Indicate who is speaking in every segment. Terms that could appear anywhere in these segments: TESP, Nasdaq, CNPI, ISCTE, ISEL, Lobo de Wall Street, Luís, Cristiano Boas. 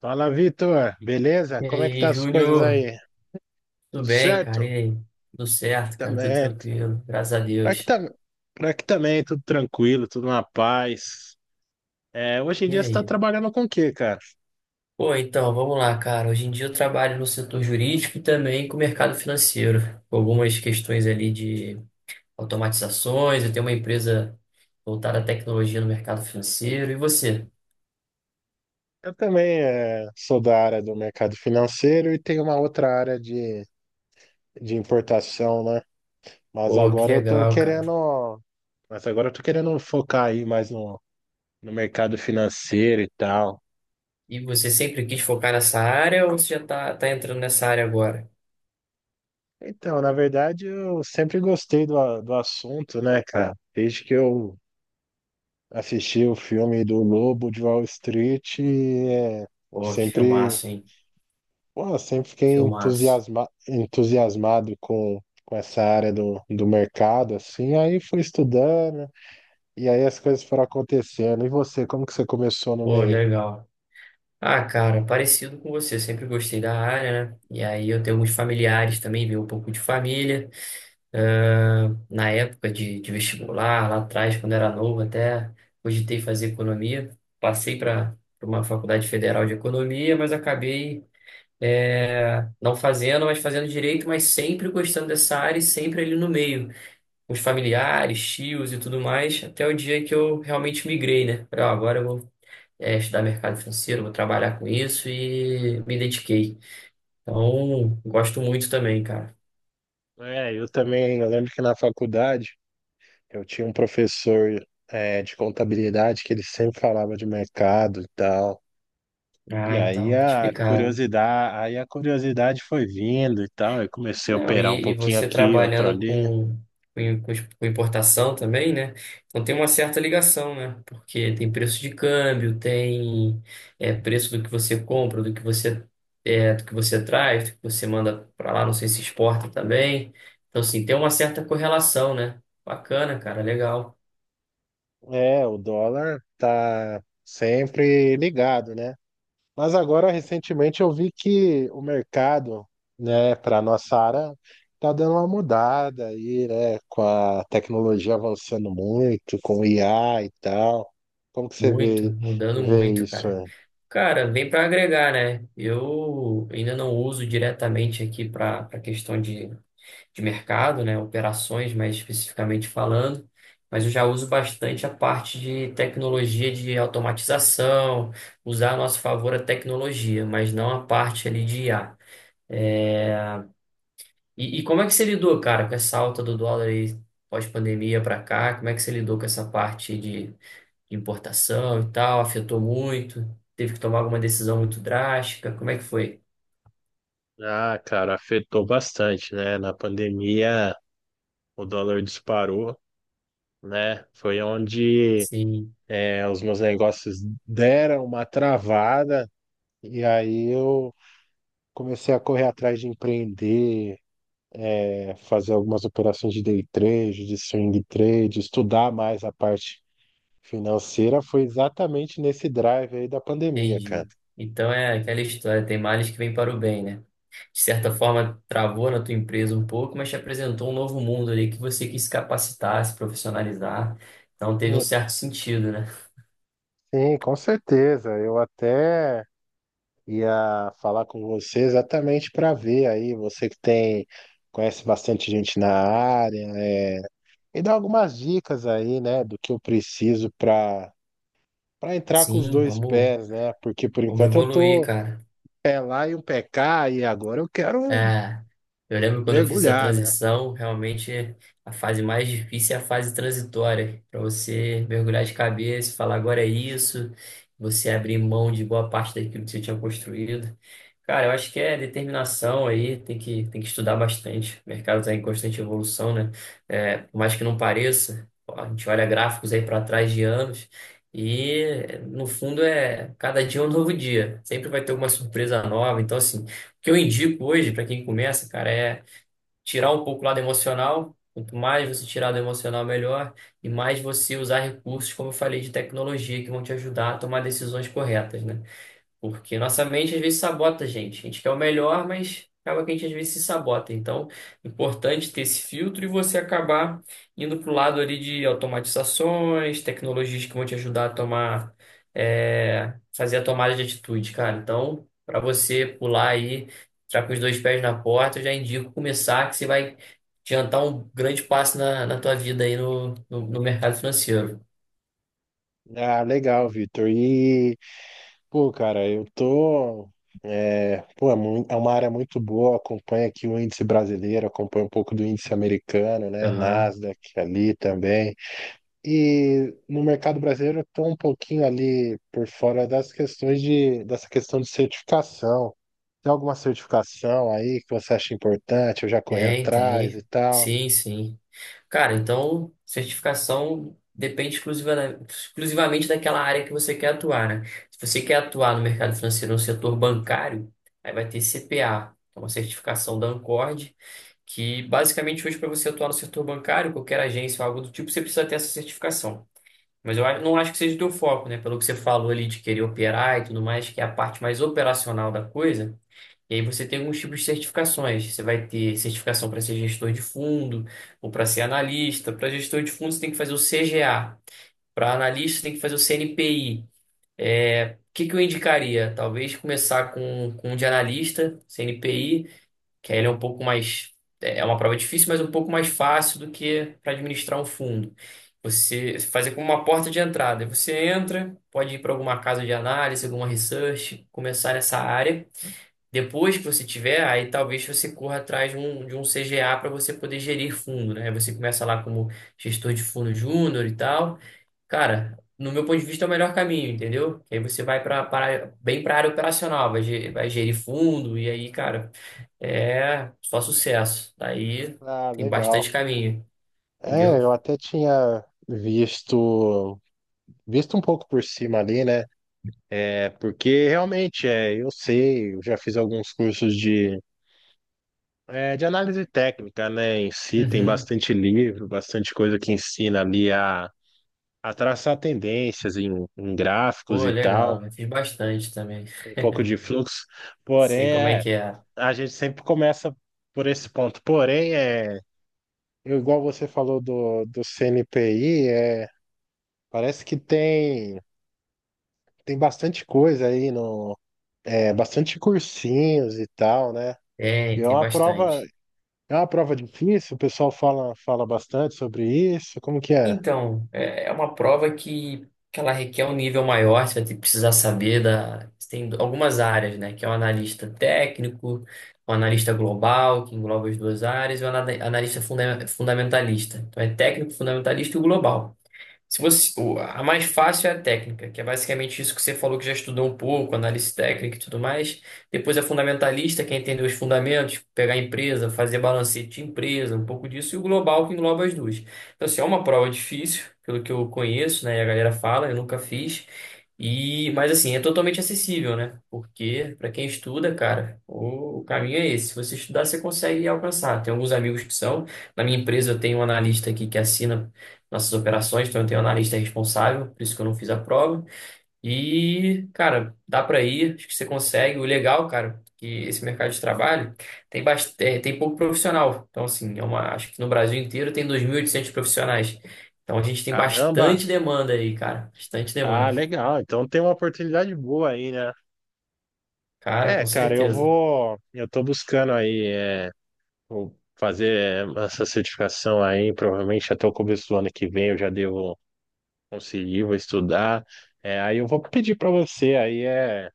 Speaker 1: Fala, Vitor. Beleza?
Speaker 2: E
Speaker 1: Como é que tá
Speaker 2: aí,
Speaker 1: as coisas
Speaker 2: Júnior?
Speaker 1: aí?
Speaker 2: Tudo
Speaker 1: Tudo
Speaker 2: bem, cara? E
Speaker 1: certo?
Speaker 2: aí? Tudo certo, cara? Tudo
Speaker 1: Também.
Speaker 2: tranquilo, graças a
Speaker 1: Pra que
Speaker 2: Deus.
Speaker 1: tá... Pra que também, tudo tranquilo, tudo na paz. Hoje em
Speaker 2: E
Speaker 1: dia você está
Speaker 2: aí?
Speaker 1: trabalhando com o quê, cara?
Speaker 2: Vamos lá, cara. Hoje em dia eu trabalho no setor jurídico e também com o mercado financeiro, com algumas questões ali de automatizações. Eu tenho uma empresa voltada à tecnologia no mercado financeiro. E você?
Speaker 1: Eu também sou da área do mercado financeiro e tenho uma outra área de importação, né? Mas
Speaker 2: Pô, que
Speaker 1: agora eu tô
Speaker 2: legal, cara.
Speaker 1: querendo. Mas agora eu tô querendo focar aí mais no mercado financeiro e tal.
Speaker 2: E você sempre quis focar nessa área ou você já tá, entrando nessa área agora?
Speaker 1: Então, na verdade, eu sempre gostei do assunto, né, cara? Desde que eu assisti o filme do Lobo de Wall Street eu
Speaker 2: Pô, que
Speaker 1: sempre,
Speaker 2: filmaço, hein?
Speaker 1: pô, eu sempre
Speaker 2: Que
Speaker 1: fiquei
Speaker 2: filmaço.
Speaker 1: entusiasmado com essa área do mercado, assim, aí fui estudando e aí as coisas foram acontecendo. E você, como que você começou no
Speaker 2: Pô,
Speaker 1: meio?
Speaker 2: legal. Ah, cara, parecido com você, sempre gostei da área, né? E aí eu tenho alguns familiares também, vi um pouco de família. Ah, na época de vestibular, lá atrás, quando era novo, até cogitei fazer economia. Passei para uma faculdade federal de economia, mas acabei não fazendo, mas fazendo direito, mas sempre gostando dessa área e sempre ali no meio, com os familiares, tios e tudo mais, até o dia que eu realmente migrei, né? Falei, ó, agora eu vou estudar mercado financeiro, vou trabalhar com isso e me dediquei. Então, gosto muito também, cara.
Speaker 1: É, eu também, eu lembro que na faculdade eu tinha um professor, de contabilidade que ele sempre falava de mercado e tal. E
Speaker 2: Ah,
Speaker 1: aí
Speaker 2: então, tá explicado.
Speaker 1: a curiosidade foi vindo e tal. Eu comecei a
Speaker 2: Não,
Speaker 1: operar um
Speaker 2: e
Speaker 1: pouquinho
Speaker 2: você
Speaker 1: aqui, outro
Speaker 2: trabalhando
Speaker 1: ali.
Speaker 2: com importação também, né? Então tem uma certa ligação, né? Porque tem preço de câmbio, tem preço do que você compra, do que do que você traz, do que você manda para lá, não sei se exporta também. Então, assim, tem uma certa correlação, né? Bacana, cara, legal.
Speaker 1: É, o dólar tá sempre ligado, né? Mas agora, recentemente, eu vi que o mercado, né, para nossa área, tá dando uma mudada aí, né? Com a tecnologia avançando muito, com o IA e tal. Como que você
Speaker 2: Muito,
Speaker 1: vê,
Speaker 2: mudando
Speaker 1: vê
Speaker 2: muito,
Speaker 1: isso?
Speaker 2: cara.
Speaker 1: é?
Speaker 2: Cara, vem para agregar, né? Eu ainda não uso diretamente aqui para questão de mercado, né? Operações, mais especificamente falando, mas eu já uso bastante a parte de tecnologia de automatização, usar a nosso favor a tecnologia, mas não a parte ali de I a. É, E, e como é que você lidou, cara, com essa alta do dólar aí pós-pandemia para cá? Como é que você lidou com essa parte de importação e tal, afetou muito, teve que tomar alguma decisão muito drástica, como é que foi?
Speaker 1: Ah, cara, afetou bastante, né? Na pandemia, o dólar disparou, né? Foi onde
Speaker 2: Sim,
Speaker 1: os meus negócios deram uma travada e aí eu comecei a correr atrás de empreender, fazer algumas operações de day trade, de swing trade, estudar mais a parte financeira. Foi exatamente nesse drive aí da pandemia, cara.
Speaker 2: entendi. Então é aquela história, tem males que vêm para o bem, né? De certa forma, travou na tua empresa um pouco, mas te apresentou um novo mundo ali que você quis se capacitar, se profissionalizar. Então teve um
Speaker 1: É,
Speaker 2: certo sentido, né?
Speaker 1: sim, com certeza. Eu até ia falar com você exatamente para ver aí, você que tem, conhece bastante gente na área, é, e dar algumas dicas aí, né, do que eu preciso para entrar com os
Speaker 2: Sim,
Speaker 1: dois pés, né? Porque por
Speaker 2: vamos
Speaker 1: enquanto eu
Speaker 2: evoluir,
Speaker 1: tô
Speaker 2: cara.
Speaker 1: pé lá e um pé cá, e agora eu quero
Speaker 2: É, eu lembro quando eu fiz essa
Speaker 1: mergulhar, né?
Speaker 2: transição, realmente a fase mais difícil é a fase transitória, para você mergulhar de cabeça, falar agora é isso, você abrir mão de boa parte daquilo que você tinha construído. Cara, eu acho que é determinação aí, tem que estudar bastante. O mercado está em constante evolução, né? É, por mais que não pareça, a gente olha gráficos aí para trás de anos e, no fundo, é cada dia é um novo dia. Sempre vai ter alguma surpresa nova. Então, assim, o que eu indico hoje para quem começa, cara, é tirar um pouco o lado emocional. Quanto mais você tirar do emocional, melhor. E mais você usar recursos, como eu falei, de tecnologia que vão te ajudar a tomar decisões corretas, né? Porque nossa mente às vezes sabota a gente. A gente quer o melhor, mas acaba que a gente às vezes se sabota. Então, é importante ter esse filtro e você acabar indo para o lado ali de automatizações, tecnologias que vão te ajudar a tomar, fazer a tomada de atitude, cara. Então, para você pular aí, entrar com os dois pés na porta, eu já indico começar, que você vai adiantar um grande passo na, na tua vida aí no mercado financeiro.
Speaker 1: Ah, legal, Vitor. E, pô, cara, eu tô. Pô, é é uma área muito boa, acompanha aqui o índice brasileiro, acompanha um pouco do índice americano, né?
Speaker 2: Aham.
Speaker 1: Nasdaq ali também. E no mercado brasileiro eu estou um pouquinho ali por fora das questões dessa questão de certificação. Tem alguma certificação aí que você acha importante? Eu já corri
Speaker 2: Tem,
Speaker 1: atrás e
Speaker 2: tem.
Speaker 1: tal.
Speaker 2: Sim, sim. Cara, então certificação exclusivamente daquela área que você quer atuar, né? Se você quer atuar no mercado financeiro, no setor bancário, aí vai ter CPA, que é uma certificação da Ancord, que basicamente hoje para você atuar no setor bancário, qualquer agência ou algo do tipo, você precisa ter essa certificação. Mas eu não acho que seja o teu foco, né? Pelo que você falou ali de querer operar e tudo mais, que é a parte mais operacional da coisa. E aí você tem alguns tipos de certificações. Você vai ter certificação para ser gestor de fundo ou para ser analista. Para gestor de fundo, você tem que fazer o CGA. Para analista, você tem que fazer o CNPI. É, o que que eu indicaria? Talvez começar com um de analista, CNPI, que aí ele é um pouco mais. É uma prova difícil, mas um pouco mais fácil do que para administrar um fundo. Você fazer como uma porta de entrada. Você entra, pode ir para alguma casa de análise, alguma research, começar nessa área. Depois que você tiver, aí talvez você corra atrás de um CGA para você poder gerir fundo, né? Você começa lá como gestor de fundo júnior e tal. Cara, no meu ponto de vista é o melhor caminho, entendeu? Que aí você vai bem para a área operacional, vai gerir fundo e aí, cara, é só sucesso. Daí
Speaker 1: Ah,
Speaker 2: tem
Speaker 1: legal.
Speaker 2: bastante caminho, entendeu?
Speaker 1: É, eu até tinha visto, visto um pouco por cima ali, né? É, porque realmente é, eu sei, eu já fiz alguns cursos de, é, de análise técnica, né? Em si, tem
Speaker 2: Uhum.
Speaker 1: bastante livro, bastante coisa que ensina ali a traçar tendências em, em gráficos
Speaker 2: Pô,
Speaker 1: e tal,
Speaker 2: legal, eu fiz bastante também.
Speaker 1: um pouco de fluxo.
Speaker 2: Sei
Speaker 1: Porém,
Speaker 2: como é
Speaker 1: é,
Speaker 2: que é.
Speaker 1: a gente sempre começa por esse ponto. Porém, é, eu, igual você falou do CNPI, é, parece que tem, tem bastante coisa aí, no, é, bastante cursinhos e tal, né?
Speaker 2: Tem,
Speaker 1: E
Speaker 2: tem bastante.
Speaker 1: é uma prova difícil, o pessoal fala, fala bastante sobre isso. Como que é?
Speaker 2: Então, é uma prova que ela requer um nível maior, você vai ter que precisar saber da. Você tem algumas áreas, né? Que é o analista técnico, o analista global, que engloba as duas áreas, e o fundamentalista. Então é técnico, fundamentalista e o global. Se a mais fácil é a técnica, que é basicamente isso que você falou que já estudou um pouco, análise técnica e tudo mais. Depois a fundamentalista, que é entender os fundamentos, pegar a empresa, fazer balancete de empresa, um pouco disso, e o global, que engloba as duas. Então, assim, é uma prova difícil, pelo que eu conheço, né? E a galera fala, eu nunca fiz. E, mas assim, é totalmente acessível, né? Porque para quem estuda, cara, o caminho é esse. Se você estudar, você consegue alcançar. Tem alguns amigos que são. Na minha empresa, eu tenho um analista aqui que assina nossas operações, então eu tenho um analista responsável, por isso que eu não fiz a prova. E, cara, dá pra ir, acho que você consegue. O legal, cara, que esse mercado de trabalho tem bastante, tem pouco profissional. Então, assim, é uma, acho que no Brasil inteiro tem 2.800 profissionais. Então a gente tem bastante
Speaker 1: Caramba!
Speaker 2: demanda aí, cara, bastante
Speaker 1: Ah,
Speaker 2: demanda.
Speaker 1: legal. Então tem uma oportunidade boa aí, né?
Speaker 2: Cara,
Speaker 1: É,
Speaker 2: com
Speaker 1: cara, eu
Speaker 2: certeza.
Speaker 1: vou. Eu tô buscando aí é, o- fazer essa certificação aí, provavelmente até o começo do ano que vem eu já devo conseguir, vou estudar. É, aí eu vou pedir para você aí é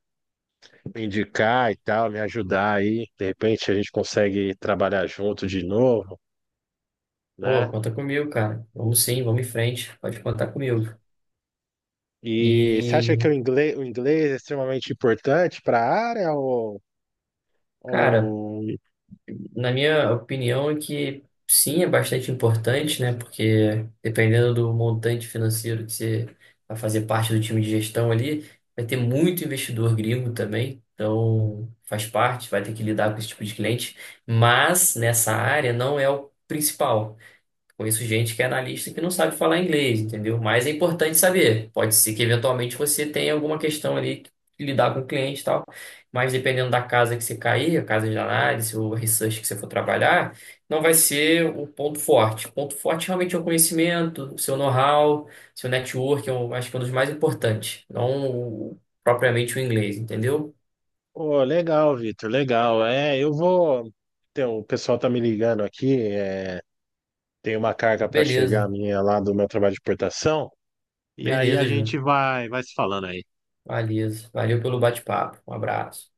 Speaker 1: me indicar e tal, me ajudar aí. De repente a gente consegue trabalhar junto de novo,
Speaker 2: Pô,
Speaker 1: né?
Speaker 2: conta comigo, cara. Vamos sim, vamos em frente. Pode contar comigo.
Speaker 1: E você acha que
Speaker 2: E,
Speaker 1: o inglês é extremamente importante para a área
Speaker 2: cara,
Speaker 1: ou
Speaker 2: na minha opinião, é que sim, é bastante importante, né? Porque dependendo do montante financeiro que você vai fazer parte do time de gestão ali, vai ter muito investidor gringo também. Então, faz parte, vai ter que lidar com esse tipo de cliente. Mas nessa área não é o principal. Conheço gente que é analista que não sabe falar inglês, entendeu? Mas é importante saber. Pode ser que eventualmente você tenha alguma questão ali que lidar com o cliente e tal. Mas dependendo da casa que você cair, a casa de análise ou research que você for trabalhar, não vai ser o ponto forte. O ponto forte realmente é o conhecimento, o seu know-how, seu network, eu acho que é um dos mais importantes. Não propriamente o inglês, entendeu?
Speaker 1: ô, legal, Vitor, legal. É, eu vou. Então, o pessoal tá me ligando aqui. Tem uma carga para chegar
Speaker 2: Beleza,
Speaker 1: minha lá do meu trabalho de importação. E aí
Speaker 2: beleza,
Speaker 1: a
Speaker 2: Ju.
Speaker 1: gente vai, vai se falando aí.
Speaker 2: Beleza. Valeu pelo bate-papo. Um abraço.